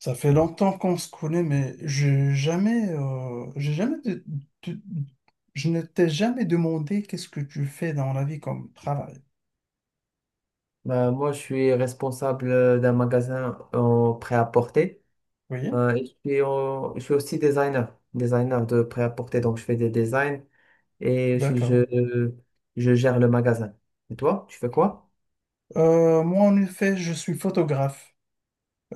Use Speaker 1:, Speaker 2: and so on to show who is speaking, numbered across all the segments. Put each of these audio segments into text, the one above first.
Speaker 1: Ça fait longtemps qu'on se connaît, mais j'ai jamais, de- je ne t'ai jamais demandé qu'est-ce que tu fais dans la vie comme travail.
Speaker 2: Bah moi, je suis responsable d'un magasin en prêt-à-porter.
Speaker 1: Oui,
Speaker 2: Et je suis, je suis aussi designer, designer de prêt-à-porter. Donc, je fais des designs et
Speaker 1: d'accord.
Speaker 2: je gère le magasin. Et toi, tu fais quoi?
Speaker 1: Moi, en effet, je suis photographe.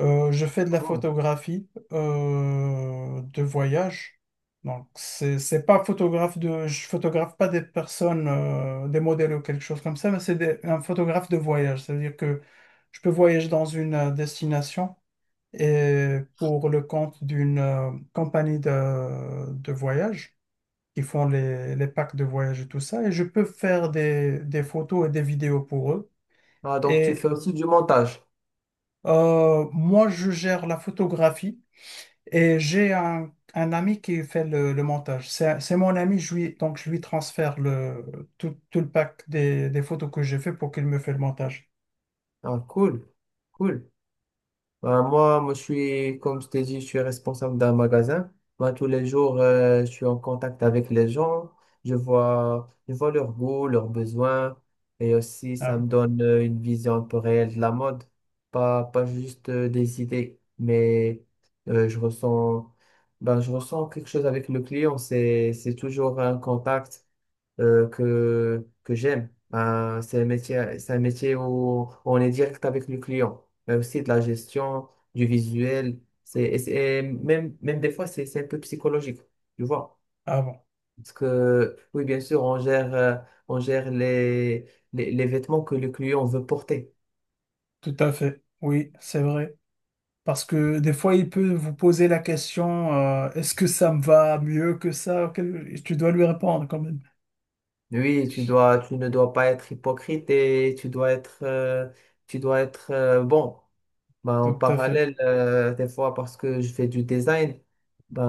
Speaker 1: Je fais de la photographie de voyage. Donc, c'est pas photographe de, je photographe pas des personnes, des modèles ou quelque chose comme ça, mais un photographe de voyage. C'est-à-dire que je peux voyager dans une destination, et pour le compte d'une compagnie de voyage qui font les packs de voyage et tout ça. Et je peux faire des photos et des vidéos pour eux.
Speaker 2: Ah, donc, tu
Speaker 1: Et
Speaker 2: fais aussi du montage.
Speaker 1: moi, je gère la photographie et j'ai un ami qui fait le montage. C'est mon ami, donc je lui transfère tout le pack des photos que j'ai fait pour qu'il me fait le montage.
Speaker 2: Ah, cool, cool. Ben, je suis, comme je t'ai dit, je suis responsable d'un magasin. Ben, tous les jours, je suis en contact avec les gens. Je vois leurs goûts, leurs besoins. Et aussi,
Speaker 1: Ah
Speaker 2: ça
Speaker 1: oui.
Speaker 2: me donne une vision un peu réelle de la mode. Pas juste des idées, mais euh, je ressens, ben, je ressens quelque chose avec le client. C'est toujours un contact que j'aime. C'est un métier, c'est un métier où on est direct avec le client, mais aussi de la gestion, du visuel. C'est, et c'est- et même, même des fois, c'est un peu psychologique, tu vois.
Speaker 1: Ah bon.
Speaker 2: Parce que, oui, bien sûr, on gère les vêtements que le client veut porter.
Speaker 1: Tout à fait, oui, c'est vrai. Parce que des fois, il peut vous poser la question, est-ce que ça me va mieux que ça? Tu dois lui répondre quand même.
Speaker 2: Oui, tu ne dois pas être hypocrite et tu dois être bon. Ben, en
Speaker 1: Tout à fait,
Speaker 2: parallèle, des fois, parce que je fais du design,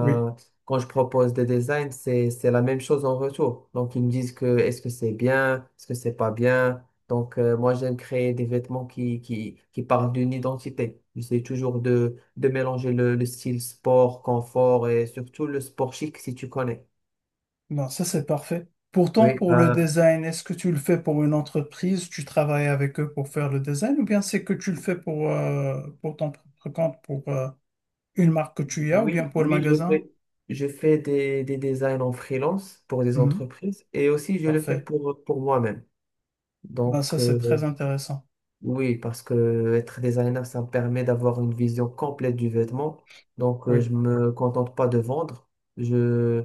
Speaker 1: oui.
Speaker 2: quand je propose des designs, c'est la même chose en retour. Donc, ils me disent que est-ce que c'est bien, est-ce que c'est pas bien. Donc, moi, j'aime créer des vêtements qui parlent d'une identité. J'essaie toujours de mélanger le style sport, confort et surtout le sport chic, si tu connais.
Speaker 1: Non, ça c'est parfait. Pourtant,
Speaker 2: Oui,
Speaker 1: pour le
Speaker 2: ben,
Speaker 1: design, est-ce que tu le fais pour une entreprise? Tu travailles avec eux pour faire le design? Ou bien c'est que tu le fais pour ton propre compte, pour une marque que tu y as, ou bien
Speaker 2: Oui,
Speaker 1: pour le
Speaker 2: oui, je
Speaker 1: magasin?
Speaker 2: fais, je fais des designs en freelance pour des
Speaker 1: Mhm.
Speaker 2: entreprises et aussi je le fais
Speaker 1: Parfait.
Speaker 2: pour moi-même.
Speaker 1: Ben, ça
Speaker 2: Donc,
Speaker 1: c'est très intéressant.
Speaker 2: oui, parce que être designer, ça me permet d'avoir une vision complète du vêtement. Donc,
Speaker 1: Oui,
Speaker 2: je me contente pas de vendre. Je,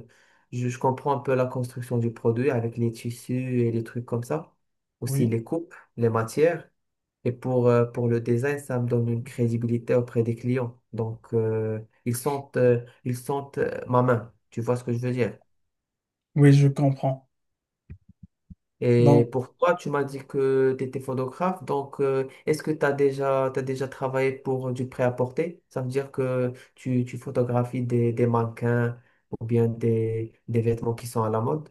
Speaker 2: je comprends un peu la construction du produit avec les tissus et les trucs comme ça. Aussi
Speaker 1: oui,
Speaker 2: les coupes, les matières. Et pour le design, ça me donne une crédibilité auprès des clients. Donc, ils sentent ma main. Tu vois ce que je veux dire?
Speaker 1: oui, je comprends.
Speaker 2: Et
Speaker 1: Donc,
Speaker 2: pour toi, tu m'as dit que tu étais photographe. Donc, est-ce que t'as déjà travaillé pour du prêt-à-porter? Ça veut dire que tu photographies des mannequins ou bien des vêtements qui sont à la mode.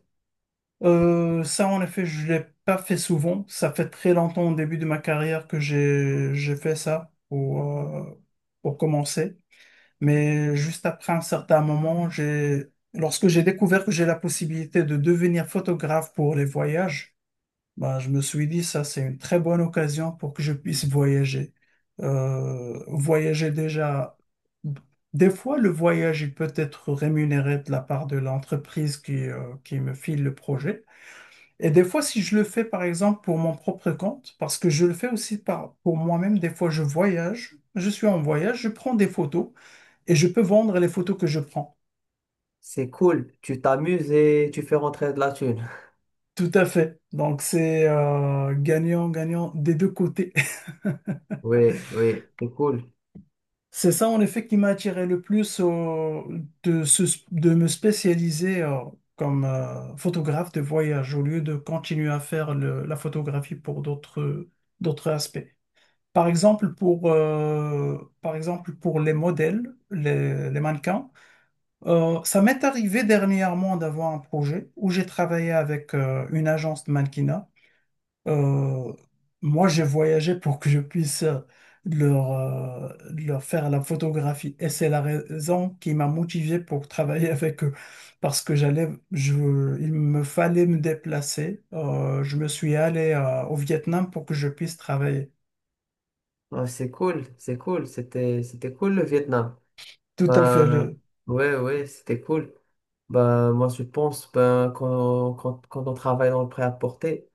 Speaker 1: Ça, en effet, je l'ai pas fait souvent. Ça fait très longtemps au début de ma carrière que j'ai fait ça pour commencer. Mais juste après un certain moment, j'ai lorsque j'ai découvert que j'ai la possibilité de devenir photographe pour les voyages, bah, je me suis dit ça, c'est une très bonne occasion pour que je puisse voyager. Voyager déjà. Des fois, le voyage, il peut être rémunéré de la part de l'entreprise qui me file le projet. Et des fois, si je le fais, par exemple, pour mon propre compte, parce que je le fais aussi pour moi-même, des fois, je voyage, je suis en voyage, je prends des photos et je peux vendre les photos que je prends.
Speaker 2: C'est cool. Tu t'amuses et tu fais rentrer de la thune.
Speaker 1: Tout à fait. Donc, c'est gagnant, gagnant des deux côtés.
Speaker 2: Oui, oui, c'est cool.
Speaker 1: C'est ça, en effet, qui m'a attiré le plus de me spécialiser comme photographe de voyage au lieu de continuer à faire la photographie pour d'autres, d'autres aspects. Par exemple, pour les modèles, les mannequins, ça m'est arrivé dernièrement d'avoir un projet où j'ai travaillé avec une agence de mannequinat. Euh, Moi, j'ai voyagé pour que je puisse leur faire la photographie et c'est la raison qui m'a motivé pour travailler avec eux parce que il me fallait me déplacer. Je me suis allé au Vietnam pour que je puisse travailler.
Speaker 2: Ah, c'est cool, c'est cool. C'était, c'était cool le Vietnam.
Speaker 1: Tout à fait.
Speaker 2: Ben ouais, ouais, c'était cool. Ben moi, je pense, ben quand on travaille dans le prêt-à-porter,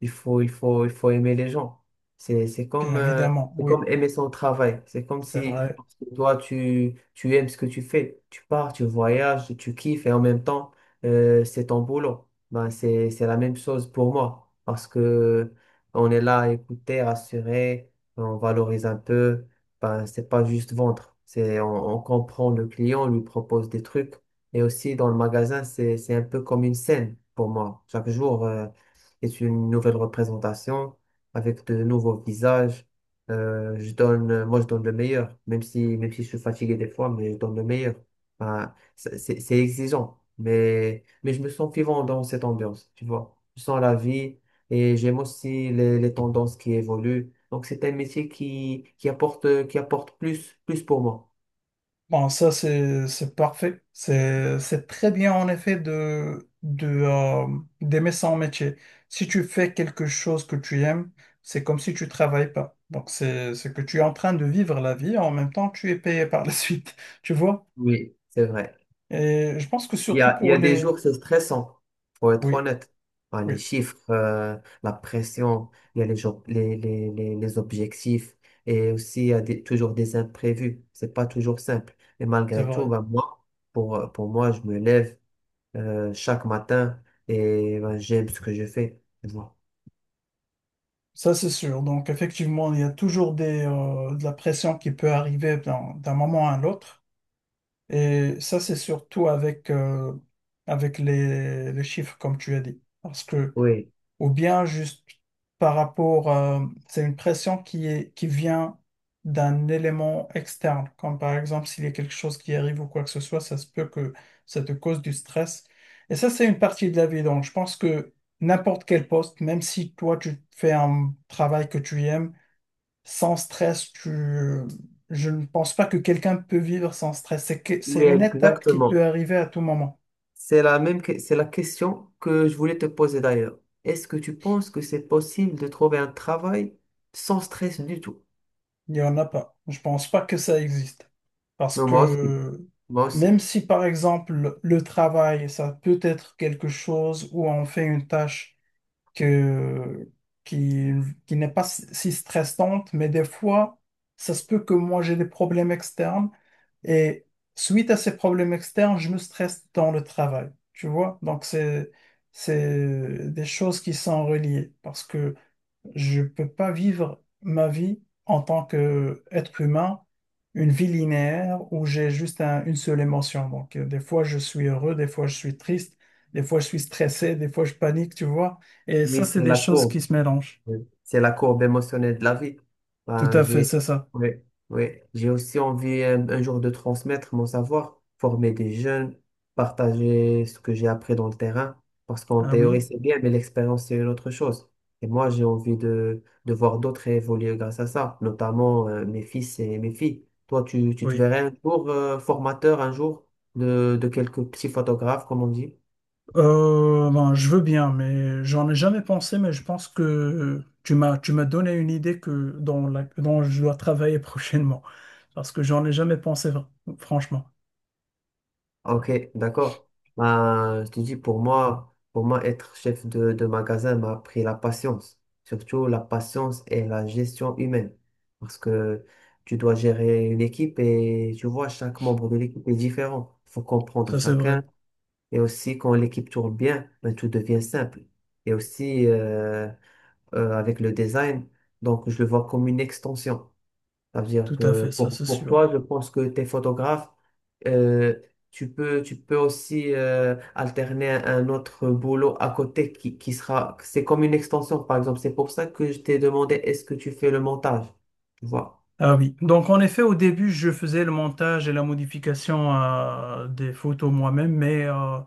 Speaker 2: il faut aimer les gens. C'est, c'est
Speaker 1: Bien
Speaker 2: comme, euh,
Speaker 1: évidemment,
Speaker 2: c'est
Speaker 1: oui,
Speaker 2: comme aimer son travail. C'est comme
Speaker 1: c'est
Speaker 2: si
Speaker 1: vrai.
Speaker 2: parce que toi, tu aimes ce que tu fais. Tu pars, tu voyages, tu kiffes et en même temps, c'est ton boulot. Ben, c'est la même chose pour moi parce que on est là à écouter, rassurer, on valorise un peu. Ben, c'est pas juste vendre. On comprend le client, on lui propose des trucs. Et aussi dans le magasin, c'est un peu comme une scène pour moi. Chaque jour, est une nouvelle représentation avec de nouveaux visages. Moi, je donne le meilleur, même si je suis fatigué des fois, mais je donne le meilleur. Ben, c'est exigeant, mais je me sens vivant dans cette ambiance, tu vois. Je sens la vie et j'aime aussi les tendances qui évoluent. Donc, c'est un métier qui apporte plus, plus pour moi.
Speaker 1: Bon, ça, c'est parfait. C'est très bien, en effet, d'aimer son métier. Si tu fais quelque chose que tu aimes, c'est comme si tu travailles pas. Donc, c'est que tu es en train de vivre la vie, en même temps, tu es payé par la suite, tu vois?
Speaker 2: Oui, c'est vrai.
Speaker 1: Et je pense que surtout
Speaker 2: Il y
Speaker 1: pour
Speaker 2: a des
Speaker 1: les…
Speaker 2: jours, c'est stressant, faut être
Speaker 1: Oui,
Speaker 2: honnête. Enfin, les
Speaker 1: oui,
Speaker 2: chiffres, la pression, il y a les, jours- les objectifs et aussi il y a toujours des imprévus. C'est pas toujours simple. Et
Speaker 1: c'est
Speaker 2: malgré tout,
Speaker 1: vrai.
Speaker 2: ben, moi, pour moi, je me lève chaque matin et ben, j'aime ce que je fais. Tu vois.
Speaker 1: Ça, c'est sûr. Donc, effectivement, il y a toujours des, de la pression qui peut arriver d'un moment à l'autre. Et ça, c'est surtout avec, avec les chiffres, comme tu as dit. Parce que,
Speaker 2: Oui,
Speaker 1: ou bien juste par rapport, c'est une pression qui vient d'un élément externe. Comme par exemple, s'il y a quelque chose qui arrive ou quoi que ce soit, ça se peut que ça te cause du stress. Et ça, c'est une partie de la vie. Donc, je pense que n'importe quel poste, même si toi, tu fais un travail que tu aimes, sans stress, tu… je ne pense pas que quelqu'un peut vivre sans stress. C'est
Speaker 2: oui,
Speaker 1: une étape qui peut
Speaker 2: exactement.
Speaker 1: arriver à tout moment.
Speaker 2: C'est la question que je voulais te poser d'ailleurs. Est-ce que tu penses que c'est possible de trouver un travail sans stress du tout?
Speaker 1: Il n'y en a pas. Je pense pas que ça existe. Parce
Speaker 2: Non, moi aussi,
Speaker 1: que
Speaker 2: moi aussi.
Speaker 1: même si, par exemple, le travail, ça peut être quelque chose où on fait une tâche. que, qui, qui n'est pas si stressante, mais des fois, ça se peut que moi j'ai des problèmes externes et suite à ces problèmes externes, je me stresse dans le travail, tu vois? Donc, c'est des choses qui sont reliées parce que je ne peux pas vivre ma vie en tant qu'être humain, une vie linéaire où j'ai juste une seule émotion. Donc, des fois, je suis heureux, des fois, je suis triste, des fois, je suis stressé, des fois, je panique, tu vois. Et
Speaker 2: Mais
Speaker 1: ça, c'est
Speaker 2: c'est
Speaker 1: des
Speaker 2: la
Speaker 1: choses qui
Speaker 2: courbe,
Speaker 1: se mélangent.
Speaker 2: oui. C'est la courbe émotionnelle de la vie.
Speaker 1: Tout
Speaker 2: Ben,
Speaker 1: à fait,
Speaker 2: j'ai,
Speaker 1: c'est ça.
Speaker 2: oui, oui. J'ai aussi envie jour de transmettre mon savoir, former des jeunes, partager ce que j'ai appris dans le terrain. Parce qu'en
Speaker 1: Ah
Speaker 2: théorie,
Speaker 1: oui,
Speaker 2: c'est bien, mais l'expérience, c'est une autre chose. Et moi, j'ai envie de voir d'autres évoluer grâce à ça, notamment mes fils et mes filles. Toi, tu te
Speaker 1: oui.
Speaker 2: verrais un jour formateur, un jour de quelques petits photographes, comme on dit.
Speaker 1: Ben, je veux bien, mais j'en ai jamais pensé, mais je pense que tu m'as donné une idée que dont, dont je dois travailler prochainement. Parce que j'en ai jamais pensé, franchement.
Speaker 2: Ok, d'accord. Ben, je te dis, pour moi, être chef de magasin m'a appris la patience. Surtout la patience et la gestion humaine. Parce que tu dois gérer une équipe et tu vois, chaque membre de l'équipe est différent. Il faut comprendre
Speaker 1: Ça, c'est
Speaker 2: chacun.
Speaker 1: vrai.
Speaker 2: Et aussi, quand l'équipe tourne bien, ben, tout devient simple. Et aussi, avec le design. Donc, je le vois comme une extension. Ça veut dire
Speaker 1: Tout à
Speaker 2: que
Speaker 1: fait, ça, c'est
Speaker 2: pour toi,
Speaker 1: sûr.
Speaker 2: je pense que tes photographes, euh, tu peux aussi alterner un autre boulot à côté qui sera, c'est comme une extension, par exemple. C'est pour ça que je t'ai demandé, est-ce que tu fais le montage? Tu vois.
Speaker 1: Ah oui. Donc, en effet, au début, je faisais le montage et la modification des photos moi-même, mais à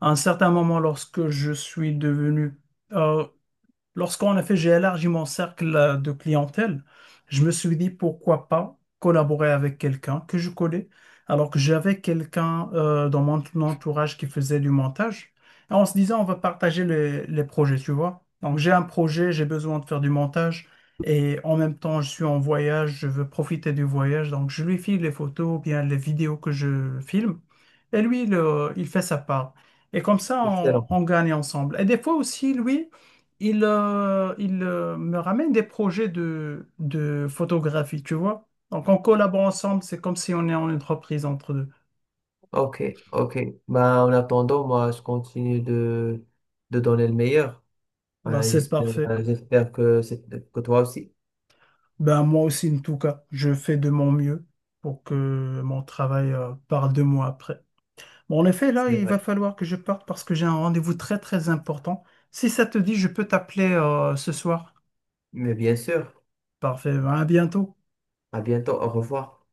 Speaker 1: un certain moment, lorsque je suis devenu… euh, lorsqu'on a fait, j'ai élargi mon cercle de clientèle. Je me suis dit pourquoi pas collaborer avec quelqu'un que je connais, alors que j'avais quelqu'un dans mon entourage qui faisait du montage. Et on se disait, on va partager les projets, tu vois. Donc j'ai un projet, j'ai besoin de faire du montage et en même temps, je suis en voyage, je veux profiter du voyage. Donc je lui file les photos ou bien les vidéos que je filme et lui, il fait sa part. Et comme ça,
Speaker 2: Excellent.
Speaker 1: on gagne ensemble. Et des fois aussi, lui, il me ramène des projets de photographie, tu vois. Donc, on collabore ensemble, c'est comme si on est en entreprise entre deux.
Speaker 2: Ok, ok. Bah, en attendant, moi, je continue de donner le meilleur.
Speaker 1: Bah,
Speaker 2: Ouais,
Speaker 1: c'est
Speaker 2: j'espère,
Speaker 1: parfait.
Speaker 2: j'espère que, c'est- que toi aussi.
Speaker 1: Ben, moi aussi, en tout cas, je fais de mon mieux pour que mon travail parle de moi après. Bon, en effet, là,
Speaker 2: C'est
Speaker 1: il va
Speaker 2: vrai.
Speaker 1: falloir que je parte parce que j'ai un rendez-vous très, très important. Si ça te dit, je peux t'appeler ce soir.
Speaker 2: Mais bien sûr.
Speaker 1: Parfait, ben, à bientôt.
Speaker 2: À bientôt. Au revoir.